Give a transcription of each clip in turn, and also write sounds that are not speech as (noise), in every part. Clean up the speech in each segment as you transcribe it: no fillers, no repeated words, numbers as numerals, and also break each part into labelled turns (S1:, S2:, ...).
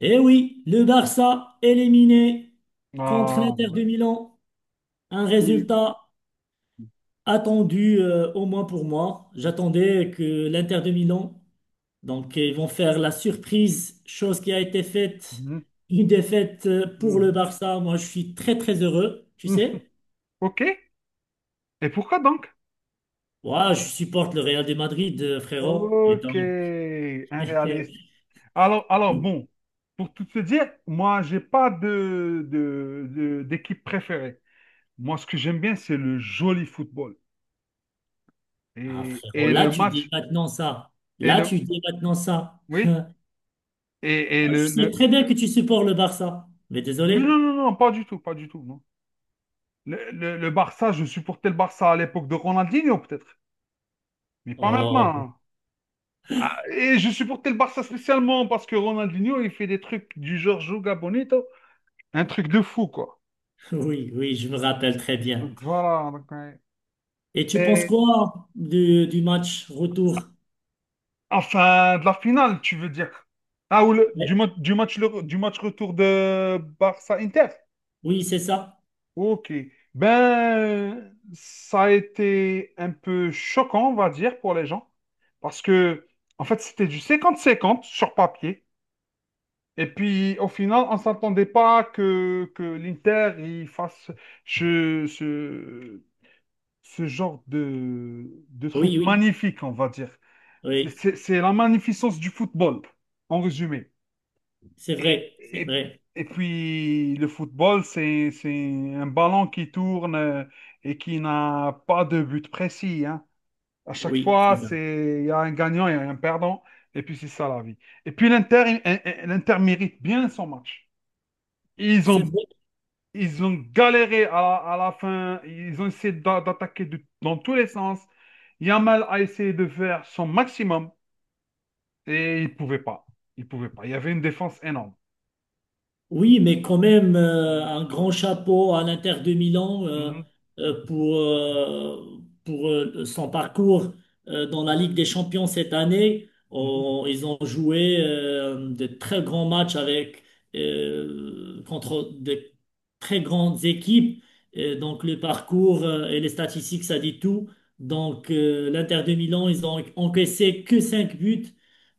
S1: Eh oui, le Barça éliminé contre
S2: Ah, bah
S1: l'Inter
S2: ouais.
S1: de Milan. Un
S2: Oui.
S1: résultat attendu, au moins pour moi. J'attendais que l'Inter de Milan, donc ils vont faire la surprise, chose qui a été faite,
S2: Mhm,
S1: une défaite pour le
S2: mhm,
S1: Barça. Moi, je suis très très heureux, tu
S2: mhm. (laughs)
S1: sais.
S2: OK. Et pourquoi donc?
S1: Ouais, je supporte le Real de Madrid, frérot. Et
S2: OK.
S1: donc,
S2: Réaliste.
S1: (laughs)
S2: Alors bon, pour tout te dire, moi, j'ai pas d'équipe préférée. Moi, ce que j'aime bien, c'est le joli football.
S1: ah
S2: Et,
S1: frérot,
S2: et
S1: là
S2: le
S1: tu dis
S2: match.
S1: maintenant ça.
S2: Et
S1: Là
S2: le,
S1: tu dis maintenant ça.
S2: oui. Et,
S1: Ah,
S2: et le,
S1: je sais
S2: le-
S1: très bien que tu supportes le Barça, mais
S2: Mais non,
S1: désolé.
S2: non, non, pas du tout, pas du tout, non. Le Barça, je supportais le Barça à l'époque de Ronaldinho, peut-être. Mais pas maintenant,
S1: Oh,
S2: hein. Ah, et je supportais le Barça spécialement parce que Ronaldinho, il fait des trucs du genre Joga Bonito, un truc de fou, quoi.
S1: (laughs) oui, oui, je me rappelle très bien.
S2: Donc voilà. Donc, ouais.
S1: Et tu penses
S2: Et
S1: quoi du match retour?
S2: enfin, de la finale, tu veux dire. Ah,
S1: Ouais.
S2: du match retour de Barça-Inter.
S1: Oui, c'est ça.
S2: Ok. Ben, ça a été un peu choquant, on va dire, pour les gens. Parce que, en fait, c'était du 50-50 sur papier. Et puis, au final, on ne s'attendait pas que l'Inter il fasse ce, ce, ce genre de
S1: Oui,
S2: truc
S1: oui,
S2: magnifique, on va dire. C'est
S1: oui,
S2: c'est- c'est la magnificence du football, en résumé.
S1: c'est
S2: Et,
S1: vrai, c'est
S2: et,
S1: vrai.
S2: et puis, le football, c'est un ballon qui tourne, et qui n'a pas de but précis, hein. À chaque
S1: Oui,
S2: fois,
S1: c'est ça.
S2: c'est, il y a un gagnant et un perdant. Et puis, c'est ça la vie. Et puis, l'Inter, l'Inter mérite bien son match. Ils
S1: C'est
S2: ont,
S1: vrai.
S2: ils ont galéré à la fin. Ils ont essayé d'attaquer dans tous les sens. Yamal a essayé de faire son maximum et il pouvait pas. Il pouvait pas. Il y avait une défense énorme.
S1: Oui, mais quand même, un grand chapeau à l'Inter de Milan
S2: Mhm,
S1: pour son parcours dans
S2: mhm,
S1: la Ligue des Champions cette année.
S2: mhm,
S1: Ils ont joué de très grands matchs avec, contre de très grandes équipes. Et donc, le parcours et les statistiques, ça dit tout. Donc, l'Inter de Milan, ils ont encaissé que 5 buts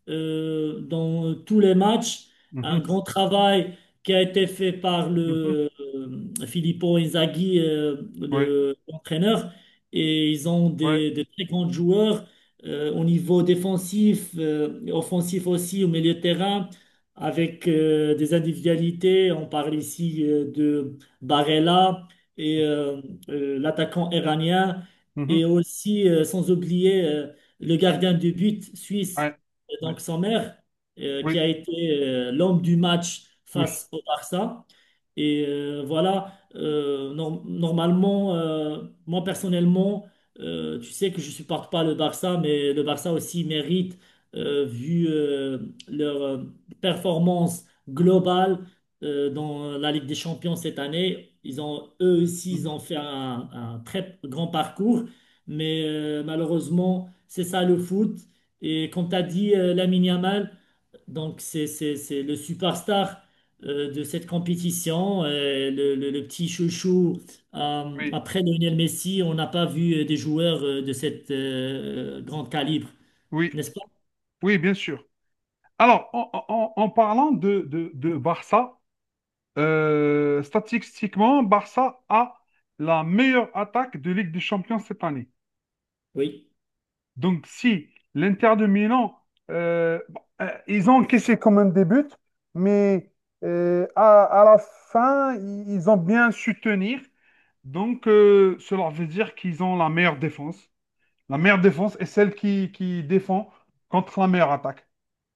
S1: dans tous les matchs. Un
S2: mhm.
S1: grand travail qui a été fait par
S2: Mhm.
S1: le Filippo Inzaghi,
S2: Oui,
S1: l'entraîneur, et ils ont
S2: oui,
S1: des très grands joueurs au niveau défensif, et offensif aussi, au milieu de terrain, avec des individualités. On parle ici de Barella et l'attaquant iranien,
S2: mhm,
S1: et aussi, sans oublier, le gardien de but suisse
S2: ouais, ouais.
S1: donc Sommer, qui
S2: Oui,
S1: a été l'homme du match
S2: oui,
S1: face au Barça. Et voilà, normalement, moi personnellement, tu sais que je supporte pas le Barça, mais le Barça aussi mérite, vu leur performance globale dans la Ligue des Champions cette année. Ils ont, eux aussi,
S2: mhm,
S1: ils ont fait un très grand parcours, mais malheureusement, c'est ça le foot. Et comme tu as dit, Lamine Yamal, donc c'est le superstar de cette compétition, le petit chouchou.
S2: oui,
S1: Après Lionel Messi, on n'a pas vu des joueurs de cette grande calibre,
S2: oui,
S1: n'est-ce pas?
S2: oui, bien sûr. Alors, en parlant de Barça, statistiquement, Barça a la meilleure attaque de Ligue des Champions cette année.
S1: Oui.
S2: Donc, si l'Inter de Milan, bon, ils ont encaissé quand même des buts, mais à la fin, ils ont bien su tenir. Donc, cela veut dire qu'ils ont la meilleure défense. La meilleure défense est celle qui défend contre la meilleure attaque.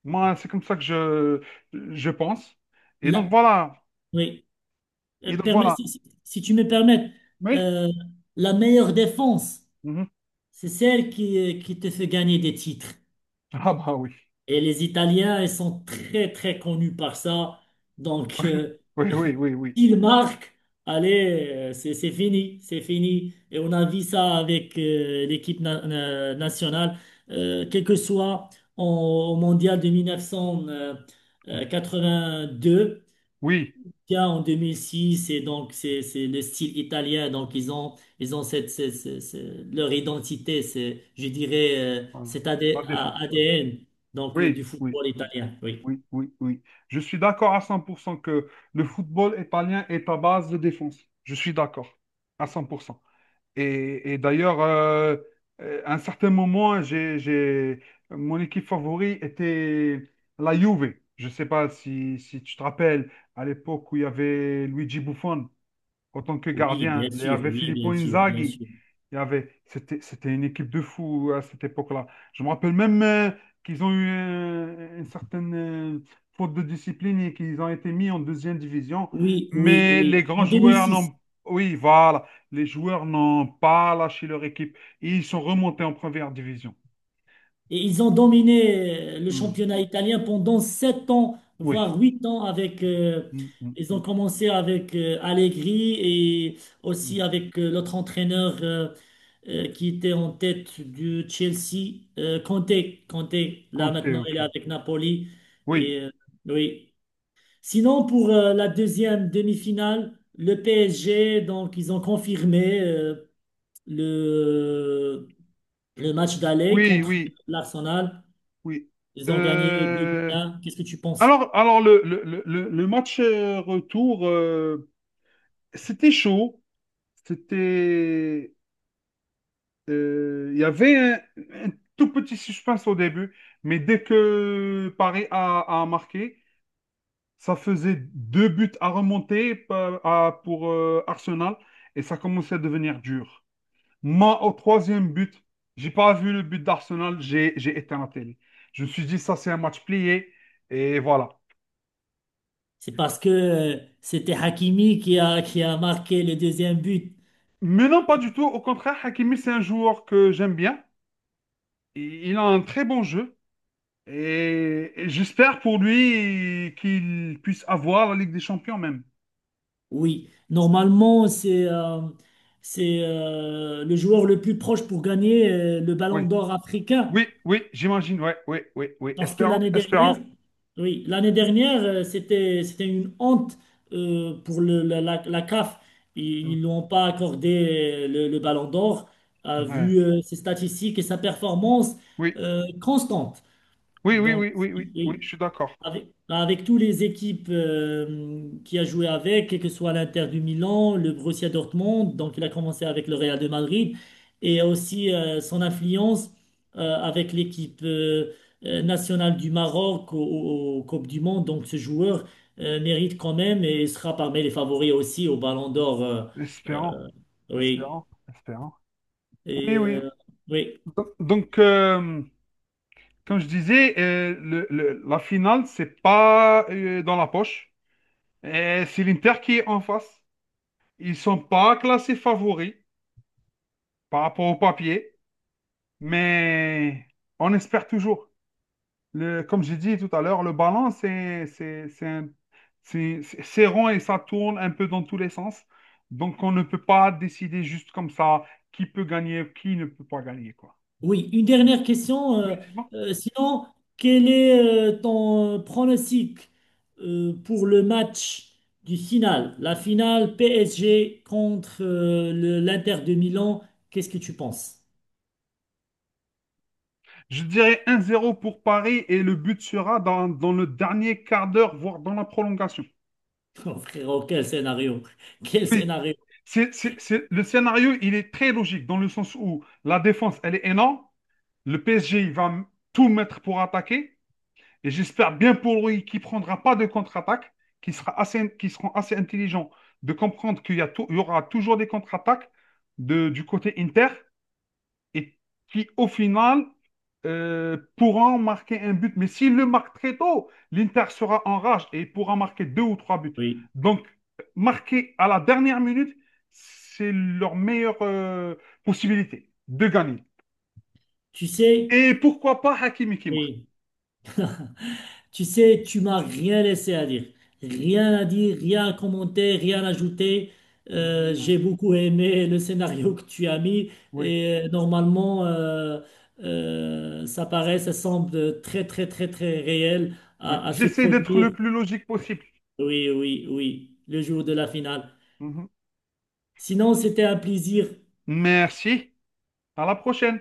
S2: Moi, c'est comme ça que je pense. Et donc,
S1: La-
S2: voilà.
S1: oui.
S2: Et
S1: Euh,
S2: donc,
S1: permets-
S2: voilà.
S1: si, si- si tu me permets,
S2: Oui.
S1: euh, la meilleure défense,
S2: Mhm.
S1: c'est celle qui te fait gagner des titres.
S2: (laughs) Ah bah oui.
S1: Et les Italiens, ils sont très, très connus par ça. Donc,
S2: (laughs) Oui, oui, oui, oui.
S1: (laughs) ils marquent. Allez, c'est fini, c'est fini. Et on a vu ça avec l'équipe nationale, quel que soit en- au Mondial de 1982.
S2: Oui,
S1: Tiens, en 2006, et donc c'est le style italien, donc ils ont leur identité, c'est je dirais
S2: voilà.
S1: cet
S2: La défense.
S1: ADN donc du
S2: Oui, oui,
S1: football italien.
S2: oui,
S1: Oui,
S2: oui, oui. Oui. Je suis d'accord à 100% que le football italien est à base de défense. Je suis d'accord à 100%. Et d'ailleurs, à un certain moment, mon équipe favorite était la Juve. Je ne sais pas si tu te rappelles, à l'époque où il y avait Luigi Buffon. En tant que gardien. Il y avait
S1: oui,
S2: Filippo
S1: bien sûr, bien
S2: Inzaghi.
S1: sûr.
S2: C'était une équipe de fous à cette époque-là. Je me rappelle même, qu'ils ont eu, une certaine, faute de discipline et qu'ils ont été mis en deuxième division.
S1: Oui, oui,
S2: Mais
S1: oui.
S2: les grands
S1: En
S2: joueurs
S1: 2006.
S2: n'ont, oui, voilà, les joueurs n'ont pas lâché leur équipe. Et ils sont remontés en première division.
S1: Et ils ont dominé le
S2: Hmm.
S1: championnat italien pendant 7 ans,
S2: Oui.
S1: voire 8 ans
S2: Hmm, hmm,
S1: ils
S2: hmm,
S1: ont commencé avec Allegri et aussi
S2: hmm.
S1: avec l'autre entraîneur qui était en tête du Chelsea, Conte. Conte, là
S2: Conte,
S1: maintenant, il est
S2: ok.
S1: avec Napoli.
S2: Oui,
S1: Et, oui. Sinon, pour la deuxième demi-finale, le PSG, donc ils ont confirmé le, le match d'aller
S2: oui,
S1: contre
S2: oui,
S1: l'Arsenal.
S2: oui.
S1: Ils ont gagné 2
S2: Euh,
S1: 1. Qu'est-ce que tu penses?
S2: alors match, retour, c'était chaud. C'était, il y avait un tout petit suspense au début, mais dès que Paris a marqué, ça faisait deux buts à remonter pour, Arsenal, et ça commençait à devenir dur. Moi, au troisième but, j'ai pas vu le but d'Arsenal, j'ai éteint la télé. Je me suis dit, ça, c'est un match plié et voilà.
S1: C'est parce que c'était Hakimi qui a marqué le deuxième but.
S2: Mais non, pas du tout. Au contraire, Hakimi, c'est un joueur que j'aime bien. Et il a un très bon jeu. Et j'espère pour lui qu'il puisse avoir la Ligue des Champions même.
S1: Oui, normalement, c'est le joueur le plus proche pour gagner le Ballon
S2: Oui,
S1: d'Or africain.
S2: oui, oui, j'imagine. Ouais, oui, oui, oui.
S1: Parce que
S2: Espérant,
S1: l'année dernière,
S2: espérant.
S1: oui, l'année dernière, c'était une honte pour la CAF.
S2: Mm.
S1: Ils n'ont pas accordé le Ballon d'Or
S2: Ouais.
S1: vu ses statistiques et sa performance
S2: Oui,
S1: constante.
S2: oui, oui,
S1: Donc,
S2: oui, oui, oui, oui, je
S1: oui,
S2: suis d'accord.
S1: avec, avec tous les équipes qui a joué avec, quel que soit l'Inter du Milan, le Borussia Dortmund, donc il a commencé avec le Real de Madrid, et aussi son influence avec l'équipe nationale du Maroc aux Coupes du Monde. Donc, ce joueur mérite quand même et sera parmi les favoris aussi au Ballon d'Or.
S2: Espérant,
S1: Euh, oui.
S2: espérant, espérant. Oui,
S1: Et,
S2: oui.
S1: oui.
S2: Donc, comme je disais, la finale, c'est pas, dans la poche. Et c'est l'Inter qui est en face. Ils sont pas classés favoris par rapport au papier, mais on espère toujours. Comme j'ai dit tout à l'heure, le ballon, c'est rond et ça tourne un peu dans tous les sens. Donc, on ne peut pas décider juste comme ça qui peut gagner, qui ne peut pas gagner, quoi.
S1: Oui, une dernière question.
S2: Oui, c'est bon.
S1: Sinon, quel est ton pronostic pour le match du final, la finale PSG contre l'Inter de Milan? Qu'est-ce que tu penses?
S2: Je dirais 1-0 pour Paris, et le but sera dans le dernier quart d'heure, voire dans la prolongation.
S1: (laughs) Oh, frérot, quel scénario! Quel
S2: Oui,
S1: scénario!
S2: le scénario, il est très logique dans le sens où la défense, elle est énorme. Le PSG, il va tout mettre pour attaquer. Et j'espère bien pour lui qu'il ne prendra pas de contre-attaque, qu'ils seront assez intelligents de comprendre qu'il y, a tou- il y aura toujours des contre-attaques du côté Inter et qui, au final, pourront marquer un but. Mais s'il le marque très tôt, l'Inter sera en rage et pourra marquer deux ou trois buts.
S1: Oui.
S2: Donc, marquer à la dernière minute, c'est leur meilleure, possibilité de gagner.
S1: Tu sais?
S2: Et pourquoi pas Hakimi qui marque.
S1: Oui. Tu sais, tu m'as rien laissé à dire. Rien à dire, rien à commenter, rien à ajouter. J'ai
S2: Mm,
S1: beaucoup aimé le scénario que tu as mis
S2: oui,
S1: et normalement, ça paraît, ça semble très, très, très, très réel
S2: oui.
S1: à se
S2: J'essaie d'être
S1: produire.
S2: le plus logique possible.
S1: Oui, oui, oui, le jour de la finale.
S2: Mhm.
S1: Sinon, c'était un plaisir.
S2: Merci. À la prochaine.